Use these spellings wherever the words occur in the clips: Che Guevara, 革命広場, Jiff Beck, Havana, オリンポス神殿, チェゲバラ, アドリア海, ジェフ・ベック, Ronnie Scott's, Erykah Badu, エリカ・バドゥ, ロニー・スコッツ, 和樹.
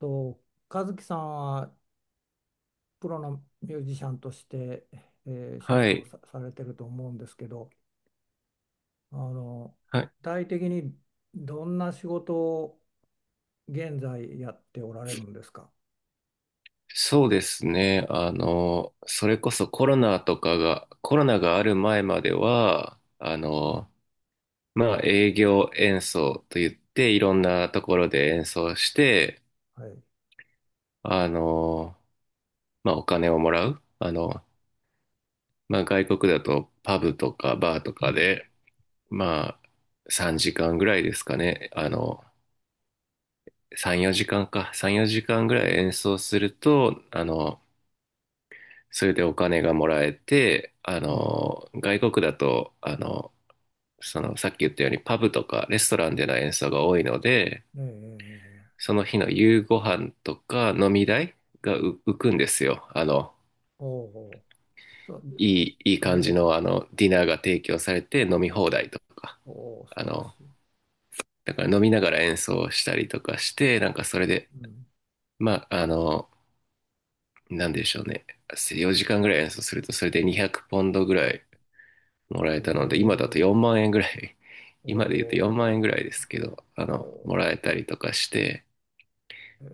と、和樹さんはプロのミュージシャンとして、え仕は事をい。さ、されてると思うんですけど、あの、はい。具体的にどんな仕事を現在やっておられるんですか？そうですね。それこそコロナがある前までは、まあ、営業演奏と言って、いろんなところで演奏して、はい。あの、まあ、お金をもらう。まあ、外国だとパブとかバーとうかん。で、まあ、3時間ぐらいですかね。3、4時間か。3、4時間ぐらい演奏すると、それでお金がもらえて、ええ、外国だと、さっき言ったようにパブとかレストランでの演奏が多いので、ええ、ええ。その日の夕ご飯とか飲み代が浮くんですよ。おお。そう、いい食べ感れじる。の、ディナーが提供されて飲み放題とか、おお、あ素晴らしの、い。だから飲みながら演奏したりとかして、なんかそれで、うん。まあ、なんでしょうね。4時間ぐらい演奏すると、それで200ポンドぐらいもらおえたので、今だとお、4万円ぐらい、おお、今で言うと4万円ぐらいですけど、おもらお、えたりとかして、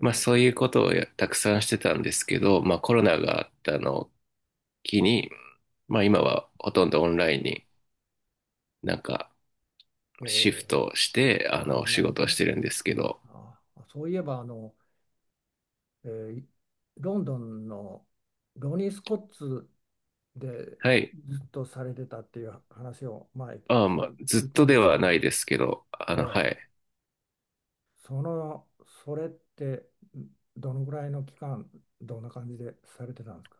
まあそういうことをたくさんしてたんですけど、まあコロナがあったのを機に、まあ今はほとんどオンラインになんかえ、えシフえ、トして、あ、オン仕ライ事ンをしね。てるんですけど、あ、そういえば、えーロンドンのロニー・スコッツではい。ずっとされてたっていう話を前ああ、まあ聞ずっ聞いたとんでですはけなど、いですけど、はええ、い。その、それってどのぐらいの期間、どんな感じでされてたんですか？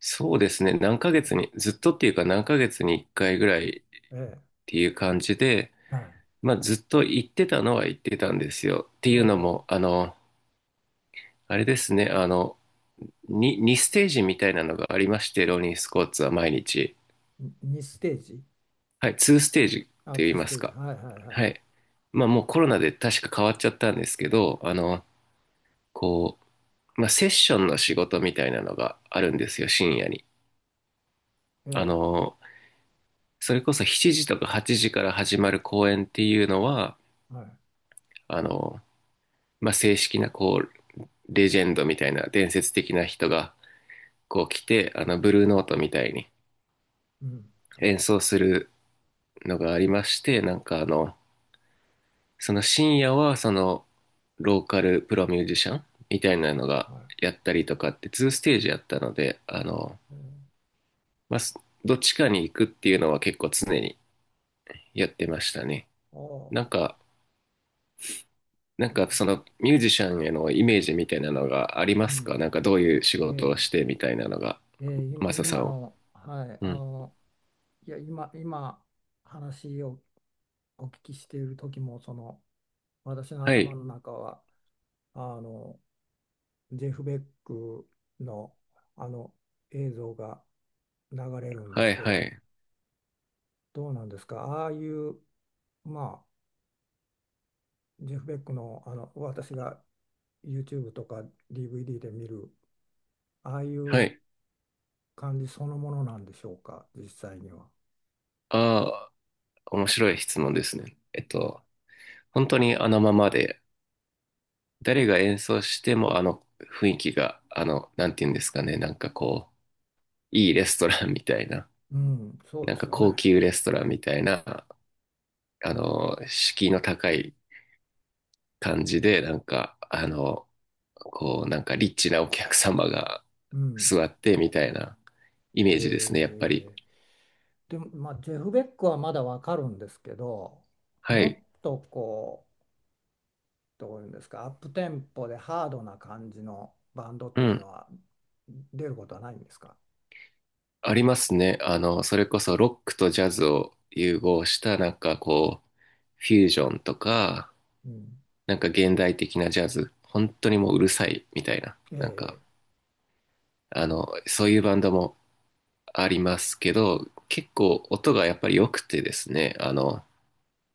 そうですね。何ヶ月に、えずっとっていうか何ヶ月に1回ぐらいっえ、ええ、ていう感じで、はい。まあ、ずっと言ってたのは言ってたんですよ。っておいうのお。も、あれですね、にステージみたいなのがありまして、ローリンスコーツは毎日。う、2ステージ、はい、2ステージっあ、て2言いスまテすージ、か。はいはいははい。い。まあもうコロナで確か変わっちゃったんですけど、こまあセッションの仕事みたいなのがあるんですよ、深夜に。あえの、それこそ7時とか8時から始まる公演っていうのは、え、はい。あの、まあ正式なレジェンドみたいな伝説的な人がこう来て、ブルーノートみたいにうん、演奏するのがありまして、なんかその深夜はローカルプロミュージシャンみたいなのがはやったりとかってーステージやったので、い。ええ、まあ、どっちかに行くっていうのは結構常にやってましたね。おお。なんう、か、なんすごい。かそのミュージシャンへのイメージみたいなのがありまうすか？ん。なんかどういう仕え事をえ、してみたいなのが、ええ、いマサさ今んは？の、はい、うん。いや、今、話をお聞きしている時も、その、私のは頭い。の中は、あの、ジェフ・ベックの、あの、映像が流れるんではすいけはど、い。どうなんですか？ああいう、まあ、ジェフ・ベックの、私が YouTube とか DVD で見る、ああいはうい。感じそのものなんでしょうか、実際には。あ、面白い質問ですね。本当にあのままで、誰が演奏してもあの雰囲気が、なんていうんですかね、なんかいいレストランみたいな、うん、そうなでんすかよ高ね。級レストランみたいな、敷居の高い感じで、なんかリッチなお客様がうん。座ってみたいなイへメージですね、やっぱり。え。でも、まあ、ジェフ・ベックはまだわかるんですけど、はもっい。とこう、どういうんですか、アップテンポでハードな感じのバンドっうていうのん。は出ることはないんですか？ありますね。それこそロックとジャズを融合したなんかフュージョンとか、うん。なんか現代的なジャズ、本当にもううるさいみたいな、ええ、えそういうバンドもありますけど、結構音がやっぱり良くてですね、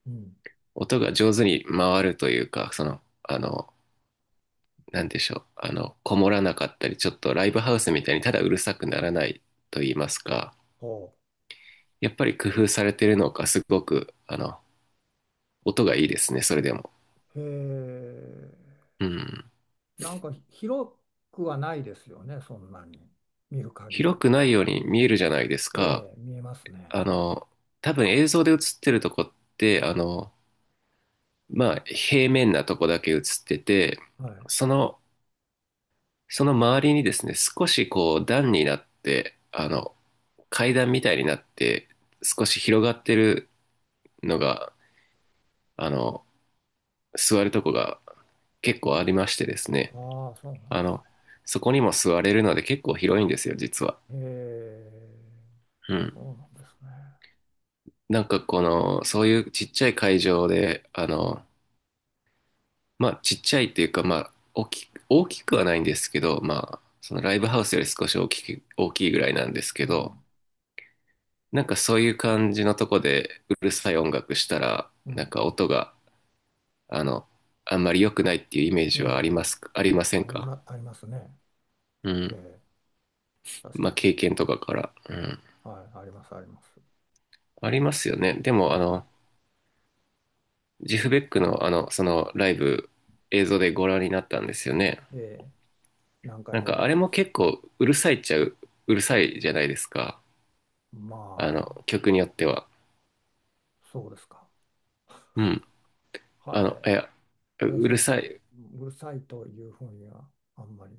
え、うん。音が上手に回るというか、なんでしょう、こもらなかったり、ちょっとライブハウスみたいにただうるさくならないと言いますか、ほやっぱり工夫されてるのか、すごく、音がいいですね、それでも。う。へえ。うん。なんか広くはないですよね、そんなに。見る限広り。くないように見えるじゃないですか。ええ、見えますね。あの、多分映像で映ってるとこって、まあ、平面なとこだけ映ってて、はい。その、その周りにですね、少しこう段になって、階段みたいになって、少し広がってるのが、あの、座るとこが結構ありましてですね、ああ、そうなんであすの、そこにも座れるので結構広いんですよ、実は。ね。へえ。うん。そうなんですね。なんかこの、そういうちっちゃい会場で、まあちっちゃいっていうか、まあ大きくはないんですけど、まあそのライブハウスより少し大きく、大きいぐらいなんですうけど、ん。なんかそういう感じのとこでうるさい音楽したら、うなんん。か音が、あの、あんまり良くないっていうイメーええ、ジはありまええ、すか、ありませんありか？ま、ありますね。うえん。え、確まあかに。経験とかから。うん。はい、あります、あります。ありますよね。でもはジフベックのそのライブ映像でご覧になったんですよね。い。で、何回なんもか見あてれまもす。結構うるさいっちゃう、うるさいじゃないですか。まあ、曲によっては。そうですか。うん。はいい。や、う私るはそさう、い、うるさいというふうには、あんまり、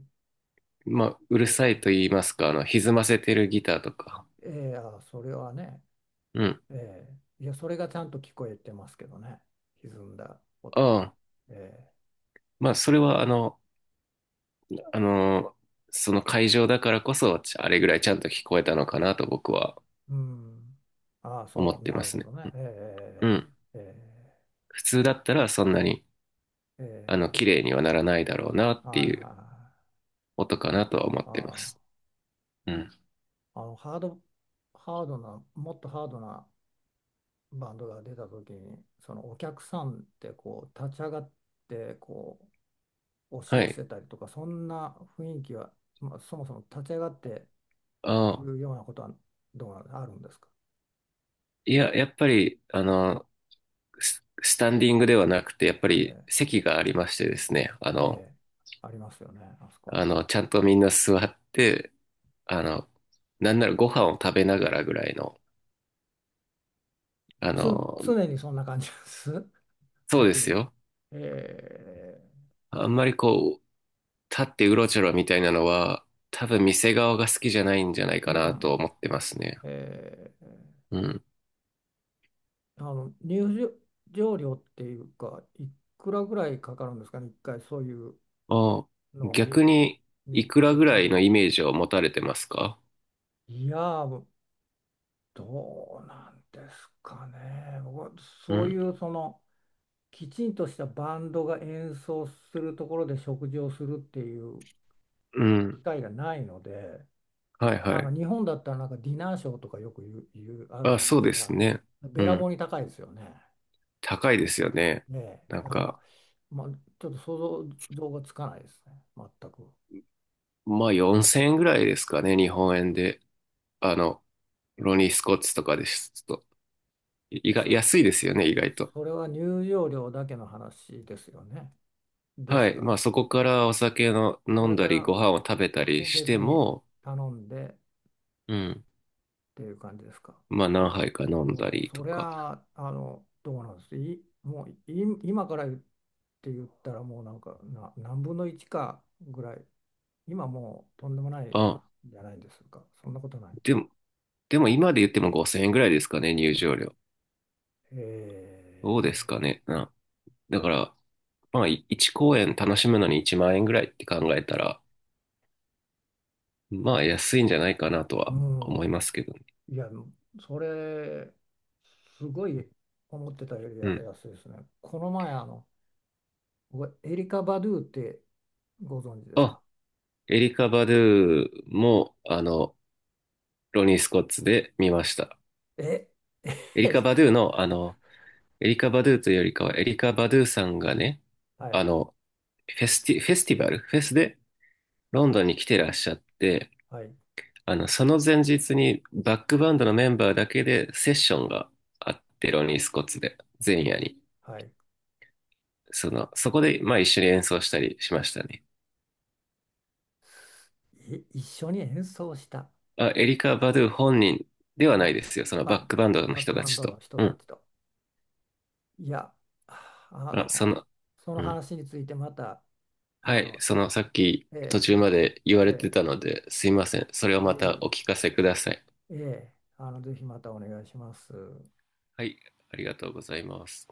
まあ、うるそさういう。いと言いますか、歪ませてるギターとか。ええ、あ、それはね、うん。ええ、いや、それがちゃんと聞こえてますけどね。歪んだあ音が。あ、ええ、まあ、それはあの、その会場だからこそ、あれぐらいちゃんと聞こえたのかなと僕はうん。ああ、思そっう、てなまるすほね。どね。えうん。え、ええ、普通だったらそんなに、え綺え、ええ、麗にはならないだろうなっはていはいいうはい。音かなとは思ってまあす。うん。あ、あのハード、ハードな、もっとハードなバンドが出た時に、そのお客さんってこう立ち上がってこう押しは寄い。せたりとか、そんな雰囲気は、まあ、そもそも立ち上がっていああ、くようなことはどうなんあるんですか？いや、やっぱり、スタンディングではなくて、やっぱりえ席がありましてですね、え、ええ、ありますよね、あそこに。ちゃんとみんな座って、あの、なんならご飯を食べながらぐらいの、あつ、の、常にそんな感じです。そはうい。ですよ。ええ、あんまり立ってうろちょろみたいなのは、多分店側が好きじゃないんじゃないかなとう思ってますね。ん。ええ、うん。あの入場料っていうか、いくらぐらいかかるんですかね、一回そういうあ、のを見、逆に、い見くらてぐら食いべのようイとしメージて。を持たれてますか？いやー、どうなんですかね。僕はうそういん。うそのきちんとしたバンドが演奏するところで食事をするっていう機うん。会がないので、はいはなんかい。日本だったらなんかディナーショーとかよく言うあるあ、じゃないそうですですか。ね。べうらぼん。うに高いですよね。高いですよね。ねなんえ、だから、か、まあ、ちょっと想像がつかないですね、全く。まあ4000円ぐらいですかね、日本円で。あの、ロニー・スコッチとかです。ちょっと、意外、それ、安いですよね、意外と。それは入場料だけの話ですよね。ではすい。まか。あそこからお酒のそ飲んれだかり、ごら飯を食べたもりうして別にも、頼んでっうん。ていう感じですか。まあ何杯か飲んだもうりとそりか。ゃあ、どうなんです。い、もうい今から言ったらもうなんかな何分の1かぐらい、今もうとんでもないあ、じゃないですか。そんなことない。でも、でも今で言っても5000円ぐらいですかね、入場料。どうですかえね。だから、まあ1公演楽しむのに1万円ぐらいって考えたら、まあ安いんじゃないかなとー、はう思いまん。すけどね。いや、それ、すごい思ってたよりうん。安いですね。この前、あの、僕エリカ・バドゥってご存知ですあ、か？エリカ・バドゥも、ロニー・スコッツで見ました。え、エリエカ・リバドカ、ゥの、エリカ・バドゥというよりかは、エリカ・バドゥさんがね、はあい、の、フェスティバル、フェスでロンドンに来てらっしゃって、はい、その前日にバックバンドのメンバーだけでセッションがあって、ロニー・スコッツで、前夜に。はい。そこで、まあ一緒に演奏したりしましたね。一緒に演奏したあ、エリカ・バドゥ本人ではないの、ですよ。そのバッバクバンドのバッ人クたバンちドと。の人うたん。ちと。いや、ああ、の、そのうん。話についてまた、はあい、の、さっきえ途ー中まつ、で言われてえたので、すいません。それをまいたおえ聞かせください。いえ、ぜひまたお願いします。はい、ありがとうございます。